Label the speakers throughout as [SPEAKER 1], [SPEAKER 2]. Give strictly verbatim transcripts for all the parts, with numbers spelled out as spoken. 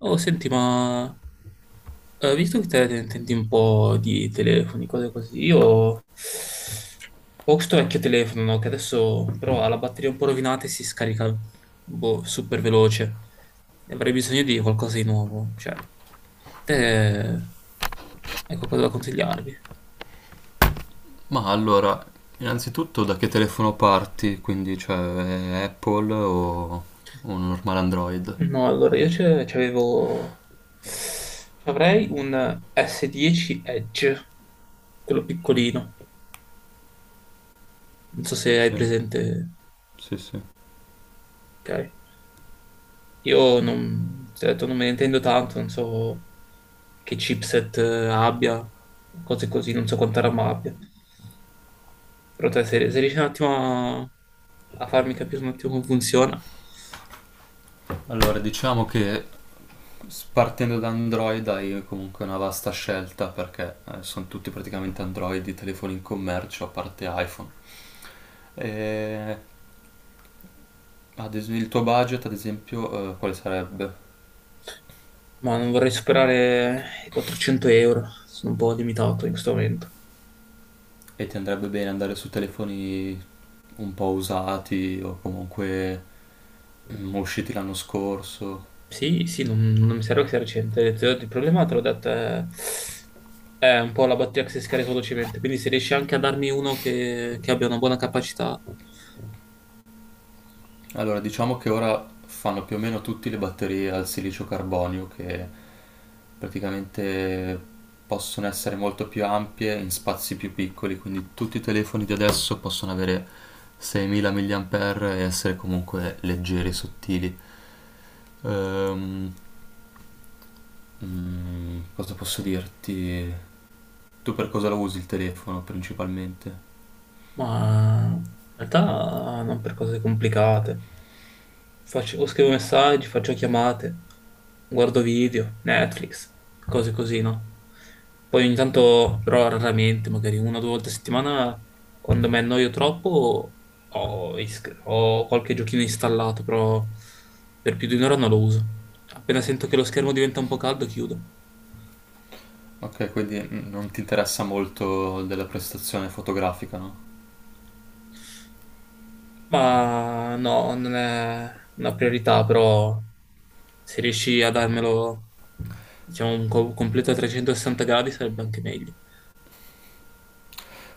[SPEAKER 1] Oh, senti, ma eh, visto che te ne intendi un po' di telefoni, cose così, io ho questo vecchio telefono, no, Che adesso però ha la batteria un po' rovinata e si scarica boh, super veloce. E avrei bisogno di qualcosa di nuovo. Cioè, te hai qualcosa da consigliarmi?
[SPEAKER 2] Ma allora, innanzitutto da che telefono parti? Quindi, cioè, è Apple o un normale Android?
[SPEAKER 1] No, allora io c'è- c'avevo... Avrei un S dieci Edge, quello piccolino. Non so se hai
[SPEAKER 2] Sì,
[SPEAKER 1] presente,
[SPEAKER 2] sì, sì.
[SPEAKER 1] ok? Io non, ti ho detto, non me ne intendo tanto, non so che chipset eh, abbia, cose così, non so quanta RAM abbia. Però te, se, se riesci un attimo a, a farmi capire un attimo come funziona,
[SPEAKER 2] Allora, diciamo che s- partendo da Android hai comunque una vasta scelta perché eh, sono tutti praticamente Android i telefoni in commercio, a parte iPhone. E, ad es- il tuo budget, ad esempio, eh, quale sarebbe?
[SPEAKER 1] ma non vorrei superare i quattrocento euro, sono un po' limitato in questo momento.
[SPEAKER 2] E ti andrebbe bene andare su telefoni un po' usati o comunque mm, usciti l'anno scorso?
[SPEAKER 1] Sì, sì, non, non mi serve che sia recente. Te l'ho- detto, Il problema te l'ho detto è, è un po' la batteria che si scarica velocemente. Quindi se riesci anche a darmi uno che, che abbia una buona capacità.
[SPEAKER 2] Allora, diciamo che ora fanno più o meno tutte le batterie al silicio carbonio che praticamente possono essere molto più ampie in spazi più piccoli, quindi tutti i telefoni di adesso possono avere seimila mAh e essere comunque leggeri e sottili. Ehm, mm, cosa posso dirti? Tu per cosa lo usi il telefono principalmente?
[SPEAKER 1] Ma in realtà non per cose complicate. Faccio- scrivo messaggi, faccio chiamate, guardo video, Netflix, cose così, no? Poi ogni tanto, però raramente, magari una o due volte a settimana, quando mi annoio troppo, ho, is- ho qualche giochino installato, però per più di un'ora non lo uso. Appena sento che lo schermo diventa un po' caldo, chiudo.
[SPEAKER 2] Ok, quindi mm, non ti interessa molto della prestazione fotografica, no?
[SPEAKER 1] Ma no, non è una priorità, però se riesci a darmelo, diciamo, un co- completo a trecentosessanta gradi sarebbe anche meglio.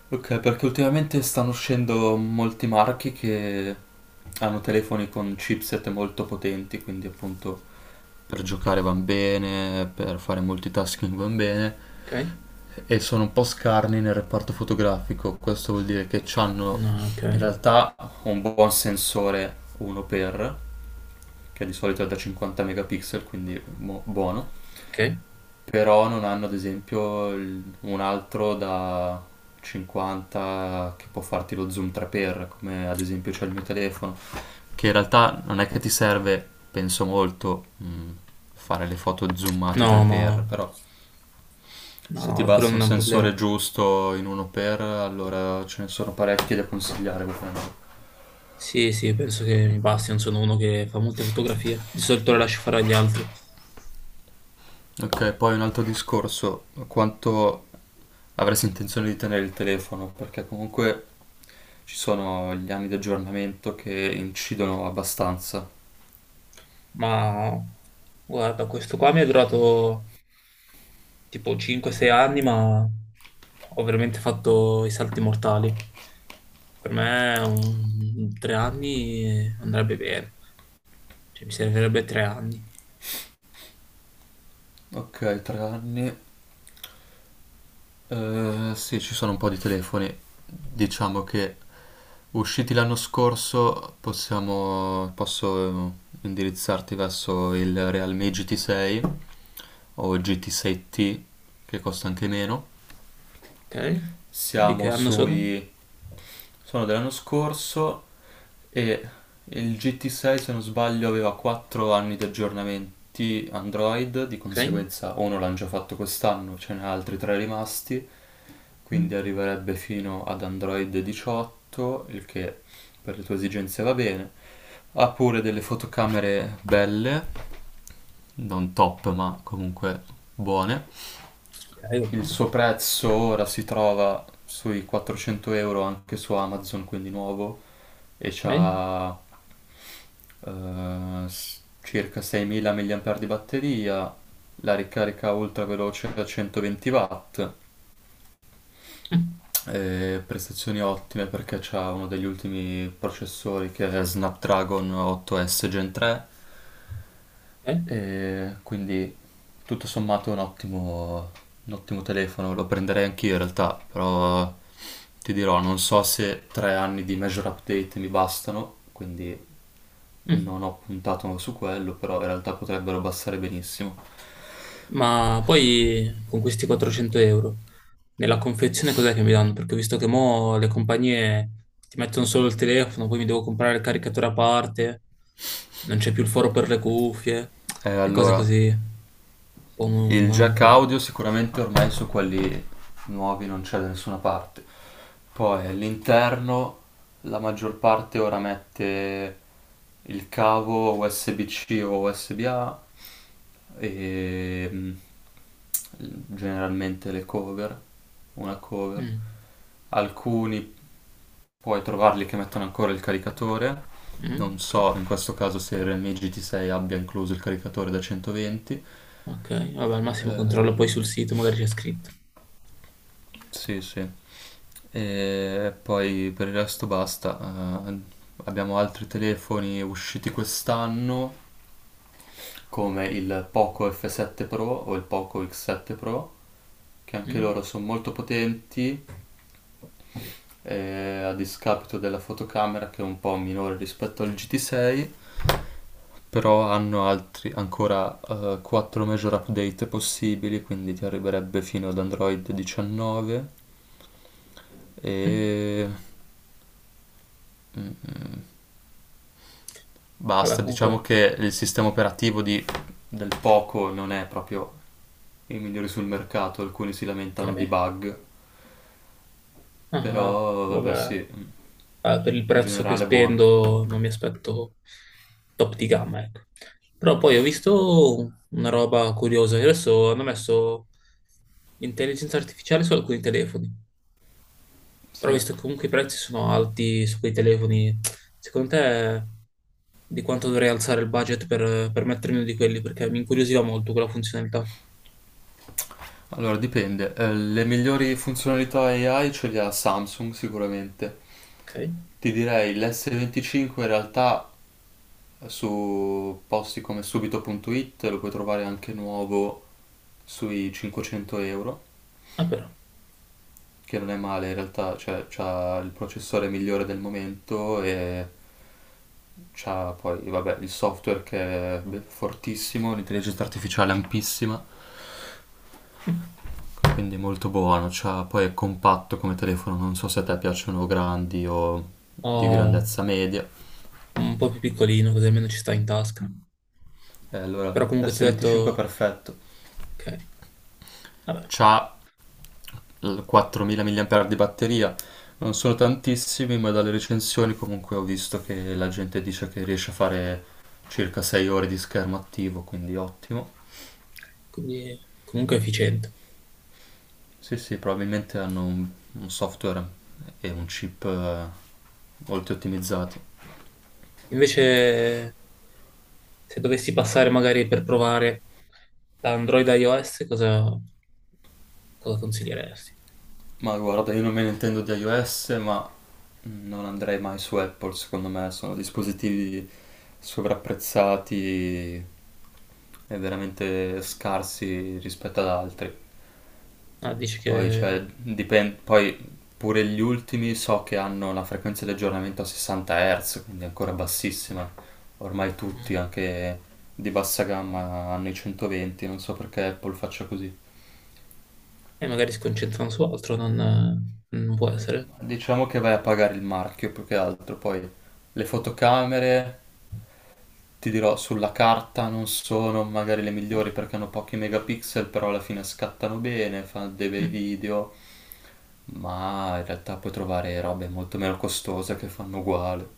[SPEAKER 2] Ok, perché ultimamente stanno uscendo molti marchi che hanno telefoni con chipset molto potenti, quindi appunto per giocare van bene, per fare multitasking van bene,
[SPEAKER 1] Ok?
[SPEAKER 2] e sono un po' scarni nel reparto fotografico. Questo vuol dire che hanno
[SPEAKER 1] No, ok.
[SPEAKER 2] in realtà un buon sensore uno x, che di solito è da cinquanta megapixel, quindi mo- buono,
[SPEAKER 1] Ok?
[SPEAKER 2] però non hanno ad esempio il- un altro da cinquanta che può farti lo zoom tre x, come ad esempio c'è il mio telefono, che in realtà non è che ti serve, penso molto, mh, fare le foto zoomate
[SPEAKER 1] No, ma...
[SPEAKER 2] tre x, però
[SPEAKER 1] No,
[SPEAKER 2] se ti
[SPEAKER 1] no, quello
[SPEAKER 2] basta
[SPEAKER 1] non
[SPEAKER 2] un
[SPEAKER 1] è un
[SPEAKER 2] sensore
[SPEAKER 1] problema.
[SPEAKER 2] giusto in uno x, allora ce ne sono parecchi da consigliare ovviamente.
[SPEAKER 1] Sì, sì, penso che mi basti, non sono uno che fa molte fotografie. Di solito le lascio fare agli altri.
[SPEAKER 2] Ok, poi un altro discorso, quanto avresti intenzione di tenere il telefono, perché comunque ci sono gli anni di aggiornamento che incidono abbastanza.
[SPEAKER 1] Ma guarda, questo qua mi è durato tipo cinque sei anni, ma ho veramente fatto i salti mortali. Per me un... tre anni andrebbe bene. Cioè, mi servirebbe tre anni.
[SPEAKER 2] Ok, tre anni. Eh, sì, ci sono un po' di telefoni. Diciamo che usciti l'anno scorso possiamo, posso eh, indirizzarti verso il Realme G T sei o G T sei T, che costa anche meno.
[SPEAKER 1] Ok? Di che
[SPEAKER 2] Siamo
[SPEAKER 1] anno sono?
[SPEAKER 2] sui Sono dell'anno scorso e il G T sei, se non sbaglio, aveva quattro anni di aggiornamenti Android, di
[SPEAKER 1] Ok?
[SPEAKER 2] conseguenza uno l'hanno già fatto quest'anno, ce n'è altri tre rimasti, quindi arriverebbe fino ad Android diciotto, il che per le tue esigenze va bene. Ha pure delle fotocamere belle, non top, ma comunque buone. Il
[SPEAKER 1] Ok,
[SPEAKER 2] suo prezzo ora si trova sui quattrocento euro anche su Amazon, quindi nuovo, e
[SPEAKER 1] ok.
[SPEAKER 2] c'ha eh, s- circa seimila mAh di batteria, la ricarica ultra veloce da centoventi watt,
[SPEAKER 1] Mm.
[SPEAKER 2] e prestazioni ottime perché c'ha uno degli ultimi processori, che è Snapdragon otto S Gen tre.
[SPEAKER 1] Ok?
[SPEAKER 2] E quindi tutto sommato è un ottimo, un ottimo telefono, lo prenderei anch'io in realtà, però ti dirò, non so se tre anni di major update mi bastano, quindi
[SPEAKER 1] Mm.
[SPEAKER 2] non ho puntato su quello, però in realtà potrebbero bastare benissimo.
[SPEAKER 1] Ma poi con questi quattrocento euro nella confezione cos'è che mi danno? Perché ho visto che mo le compagnie ti mettono solo il telefono, poi mi devo comprare il caricatore a parte, non c'è più il foro per le cuffie
[SPEAKER 2] Eh,
[SPEAKER 1] e cose
[SPEAKER 2] allora,
[SPEAKER 1] così. Un po'
[SPEAKER 2] il
[SPEAKER 1] una-
[SPEAKER 2] jack
[SPEAKER 1] un-
[SPEAKER 2] audio sicuramente ormai su quelli nuovi non c'è da nessuna parte. Poi all'interno la maggior parte ora mette il cavo U S B-C o U S B-A e mm, generalmente le cover, una cover.
[SPEAKER 1] mm.
[SPEAKER 2] Alcuni puoi trovarli che mettono ancora il caricatore. Non
[SPEAKER 1] Mm, Ok,
[SPEAKER 2] so in questo caso se il Realme G T sei abbia incluso il caricatore da centoventi.
[SPEAKER 1] ok, vabbè, al massimo
[SPEAKER 2] Eh,
[SPEAKER 1] controllo poi sul sito, magari c'è scritto.
[SPEAKER 2] Sì, sì. E poi per il resto basta. Eh, abbiamo altri telefoni usciti quest'anno, come il Poco F sette Pro o il Poco X sette Pro, che anche
[SPEAKER 1] Mm?
[SPEAKER 2] loro sono molto potenti, eh, a discapito della fotocamera, che è un po' minore rispetto al G T sei, però hanno altri, ancora quattro major update possibili, quindi ti arriverebbe fino ad Android diciannove,
[SPEAKER 1] Mm.
[SPEAKER 2] e mm, basta,
[SPEAKER 1] Vabbè,
[SPEAKER 2] diciamo
[SPEAKER 1] comunque,
[SPEAKER 2] che il sistema operativo di- del Poco non è proprio il migliore sul mercato, alcuni si
[SPEAKER 1] ok.
[SPEAKER 2] lamentano di bug,
[SPEAKER 1] Ah,
[SPEAKER 2] però vabbè sì,
[SPEAKER 1] vabbè.
[SPEAKER 2] in
[SPEAKER 1] eh, per il prezzo che
[SPEAKER 2] generale è buono.
[SPEAKER 1] spendo non mi aspetto top di gamma, ecco. Però poi ho visto una roba curiosa, che adesso hanno messo l'intelligenza artificiale su alcuni telefoni, però
[SPEAKER 2] Sì.
[SPEAKER 1] visto che comunque i prezzi sono alti su quei telefoni, secondo te di quanto dovrei alzare il budget per, per mettermi uno di quelli? Perché mi incuriosiva molto quella funzionalità.
[SPEAKER 2] Allora dipende, Eh, le migliori funzionalità A I ce le ha Samsung sicuramente.
[SPEAKER 1] Ok?
[SPEAKER 2] Ti direi l'S venticinque, in realtà su posti come subito.it lo puoi trovare anche nuovo sui cinquecento euro,
[SPEAKER 1] Ah, però.
[SPEAKER 2] che non è male in realtà, cioè c'ha il processore migliore del momento e c'ha poi, vabbè, il software che è be- fortissimo, l'intelligenza artificiale ampissima,
[SPEAKER 1] Mm.
[SPEAKER 2] quindi molto buono, c'ha, poi è compatto come telefono, non so se a te piacciono grandi o
[SPEAKER 1] Ho
[SPEAKER 2] di grandezza media,
[SPEAKER 1] un po' più piccolino, così almeno ci sta in tasca.
[SPEAKER 2] e allora
[SPEAKER 1] Però comunque ti ho
[SPEAKER 2] S venticinque è
[SPEAKER 1] detto,
[SPEAKER 2] perfetto.
[SPEAKER 1] ok. Vabbè,
[SPEAKER 2] C'ha l- quattromila mAh di batteria. Non sono tantissimi, ma dalle recensioni comunque ho visto che la gente dice che riesce a fare circa sei ore di schermo attivo, quindi ottimo.
[SPEAKER 1] quindi comunque è efficiente.
[SPEAKER 2] Sì, sì, probabilmente hanno un, un software e un chip eh, molto ottimizzati.
[SPEAKER 1] Invece, se dovessi passare magari per provare da Android a iOS, cosa, cosa consiglieresti?
[SPEAKER 2] Ma guarda, io non me ne intendo di iOS, ma non andrei mai su Apple, secondo me sono dispositivi sovrapprezzati e veramente scarsi rispetto ad altri.
[SPEAKER 1] Ah, dici
[SPEAKER 2] Poi, cioè,
[SPEAKER 1] che
[SPEAKER 2] dipende, poi pure gli ultimi so che hanno la frequenza di aggiornamento a sessanta Hz, quindi ancora bassissima. Ormai
[SPEAKER 1] mm,
[SPEAKER 2] tutti, anche di bassa gamma, hanno i centoventi, non so perché Apple faccia così.
[SPEAKER 1] eh, magari si concentrano su altro, non, non può essere.
[SPEAKER 2] Diciamo che vai a pagare il marchio più che altro, poi le fotocamere, ti dirò, sulla carta non sono magari le migliori perché hanno pochi megapixel, però alla fine scattano bene, fanno dei bei
[SPEAKER 1] Mm.
[SPEAKER 2] video, ma in realtà puoi trovare robe molto meno costose che fanno uguale.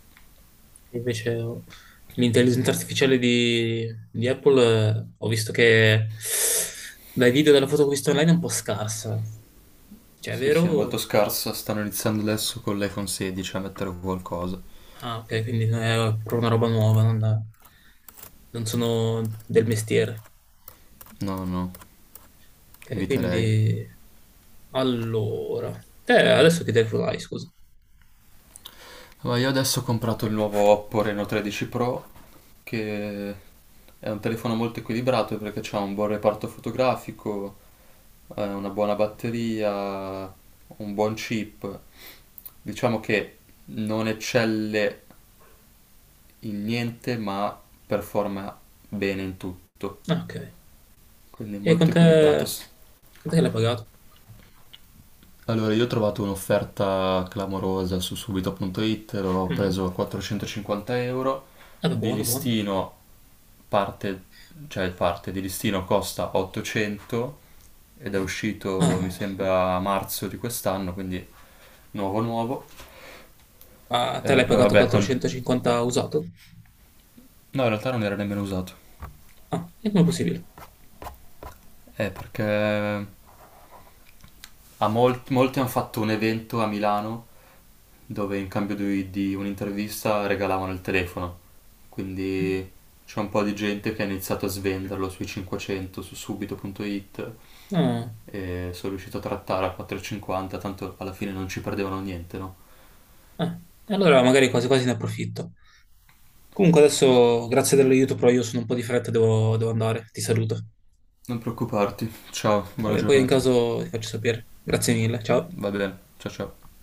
[SPEAKER 1] Invece oh, l'intelligenza artificiale di, di Apple, eh, ho visto che dai video e dalla foto che ho visto online è un po' scarsa. Cioè, è
[SPEAKER 2] Sì, sì, è molto
[SPEAKER 1] vero?
[SPEAKER 2] scarsa. Stanno iniziando adesso con l'iPhone sedici a mettere qualcosa.
[SPEAKER 1] Ah, ok, quindi non è proprio una roba nuova, non, non sono del mestiere.
[SPEAKER 2] No, no,
[SPEAKER 1] Ok,
[SPEAKER 2] eviterei.
[SPEAKER 1] quindi... Allora... Te adesso che telefono hai, scusa?
[SPEAKER 2] Ma io adesso ho comprato il nuovo Oppo Reno tredici Pro, che è un telefono molto equilibrato perché c'ha un buon reparto fotografico, eh, una buona batteria, un buon chip. Diciamo che non eccelle in niente, ma performa bene in tutto.
[SPEAKER 1] Ah, ok.
[SPEAKER 2] Quindi è
[SPEAKER 1] E con
[SPEAKER 2] molto
[SPEAKER 1] te...
[SPEAKER 2] equilibrato.
[SPEAKER 1] Quant'è che l'hai pagato?
[SPEAKER 2] Allora, io ho trovato un'offerta clamorosa su subito.it, l'ho
[SPEAKER 1] Mhm.
[SPEAKER 2] preso a quattrocentocinquanta euro,
[SPEAKER 1] Eh, beh,
[SPEAKER 2] di
[SPEAKER 1] buono, buono.
[SPEAKER 2] listino parte, cioè parte di listino costa ottocento ed è uscito mi
[SPEAKER 1] Ah,
[SPEAKER 2] sembra a marzo di quest'anno, quindi nuovo nuovo.
[SPEAKER 1] ma te
[SPEAKER 2] Eh,
[SPEAKER 1] l'hai
[SPEAKER 2] poi
[SPEAKER 1] pagato
[SPEAKER 2] vabbè, con... no,
[SPEAKER 1] quattrocentocinquanta usato?
[SPEAKER 2] in realtà non era nemmeno usato.
[SPEAKER 1] Ah, e come è possibile?
[SPEAKER 2] Eh, perché A molt- molti hanno fatto un evento a Milano dove in cambio di, di un'intervista regalavano il telefono. Quindi c'è un po' di gente che ha iniziato a svenderlo sui cinquecento, su subito.it,
[SPEAKER 1] Ah,
[SPEAKER 2] e sono riuscito a trattare a quattro e cinquanta, tanto alla fine non ci perdevano niente, no?
[SPEAKER 1] eh, e allora magari quasi quasi ne approfitto. Comunque adesso, grazie dell'aiuto, però io sono un po' di fretta, devo, devo andare. Ti saluto.
[SPEAKER 2] Non preoccuparti. Ciao,
[SPEAKER 1] Va
[SPEAKER 2] buona
[SPEAKER 1] bene, poi in
[SPEAKER 2] giornata.
[SPEAKER 1] caso ti faccio sapere. Grazie mille, ciao.
[SPEAKER 2] Va bene. Ciao ciao.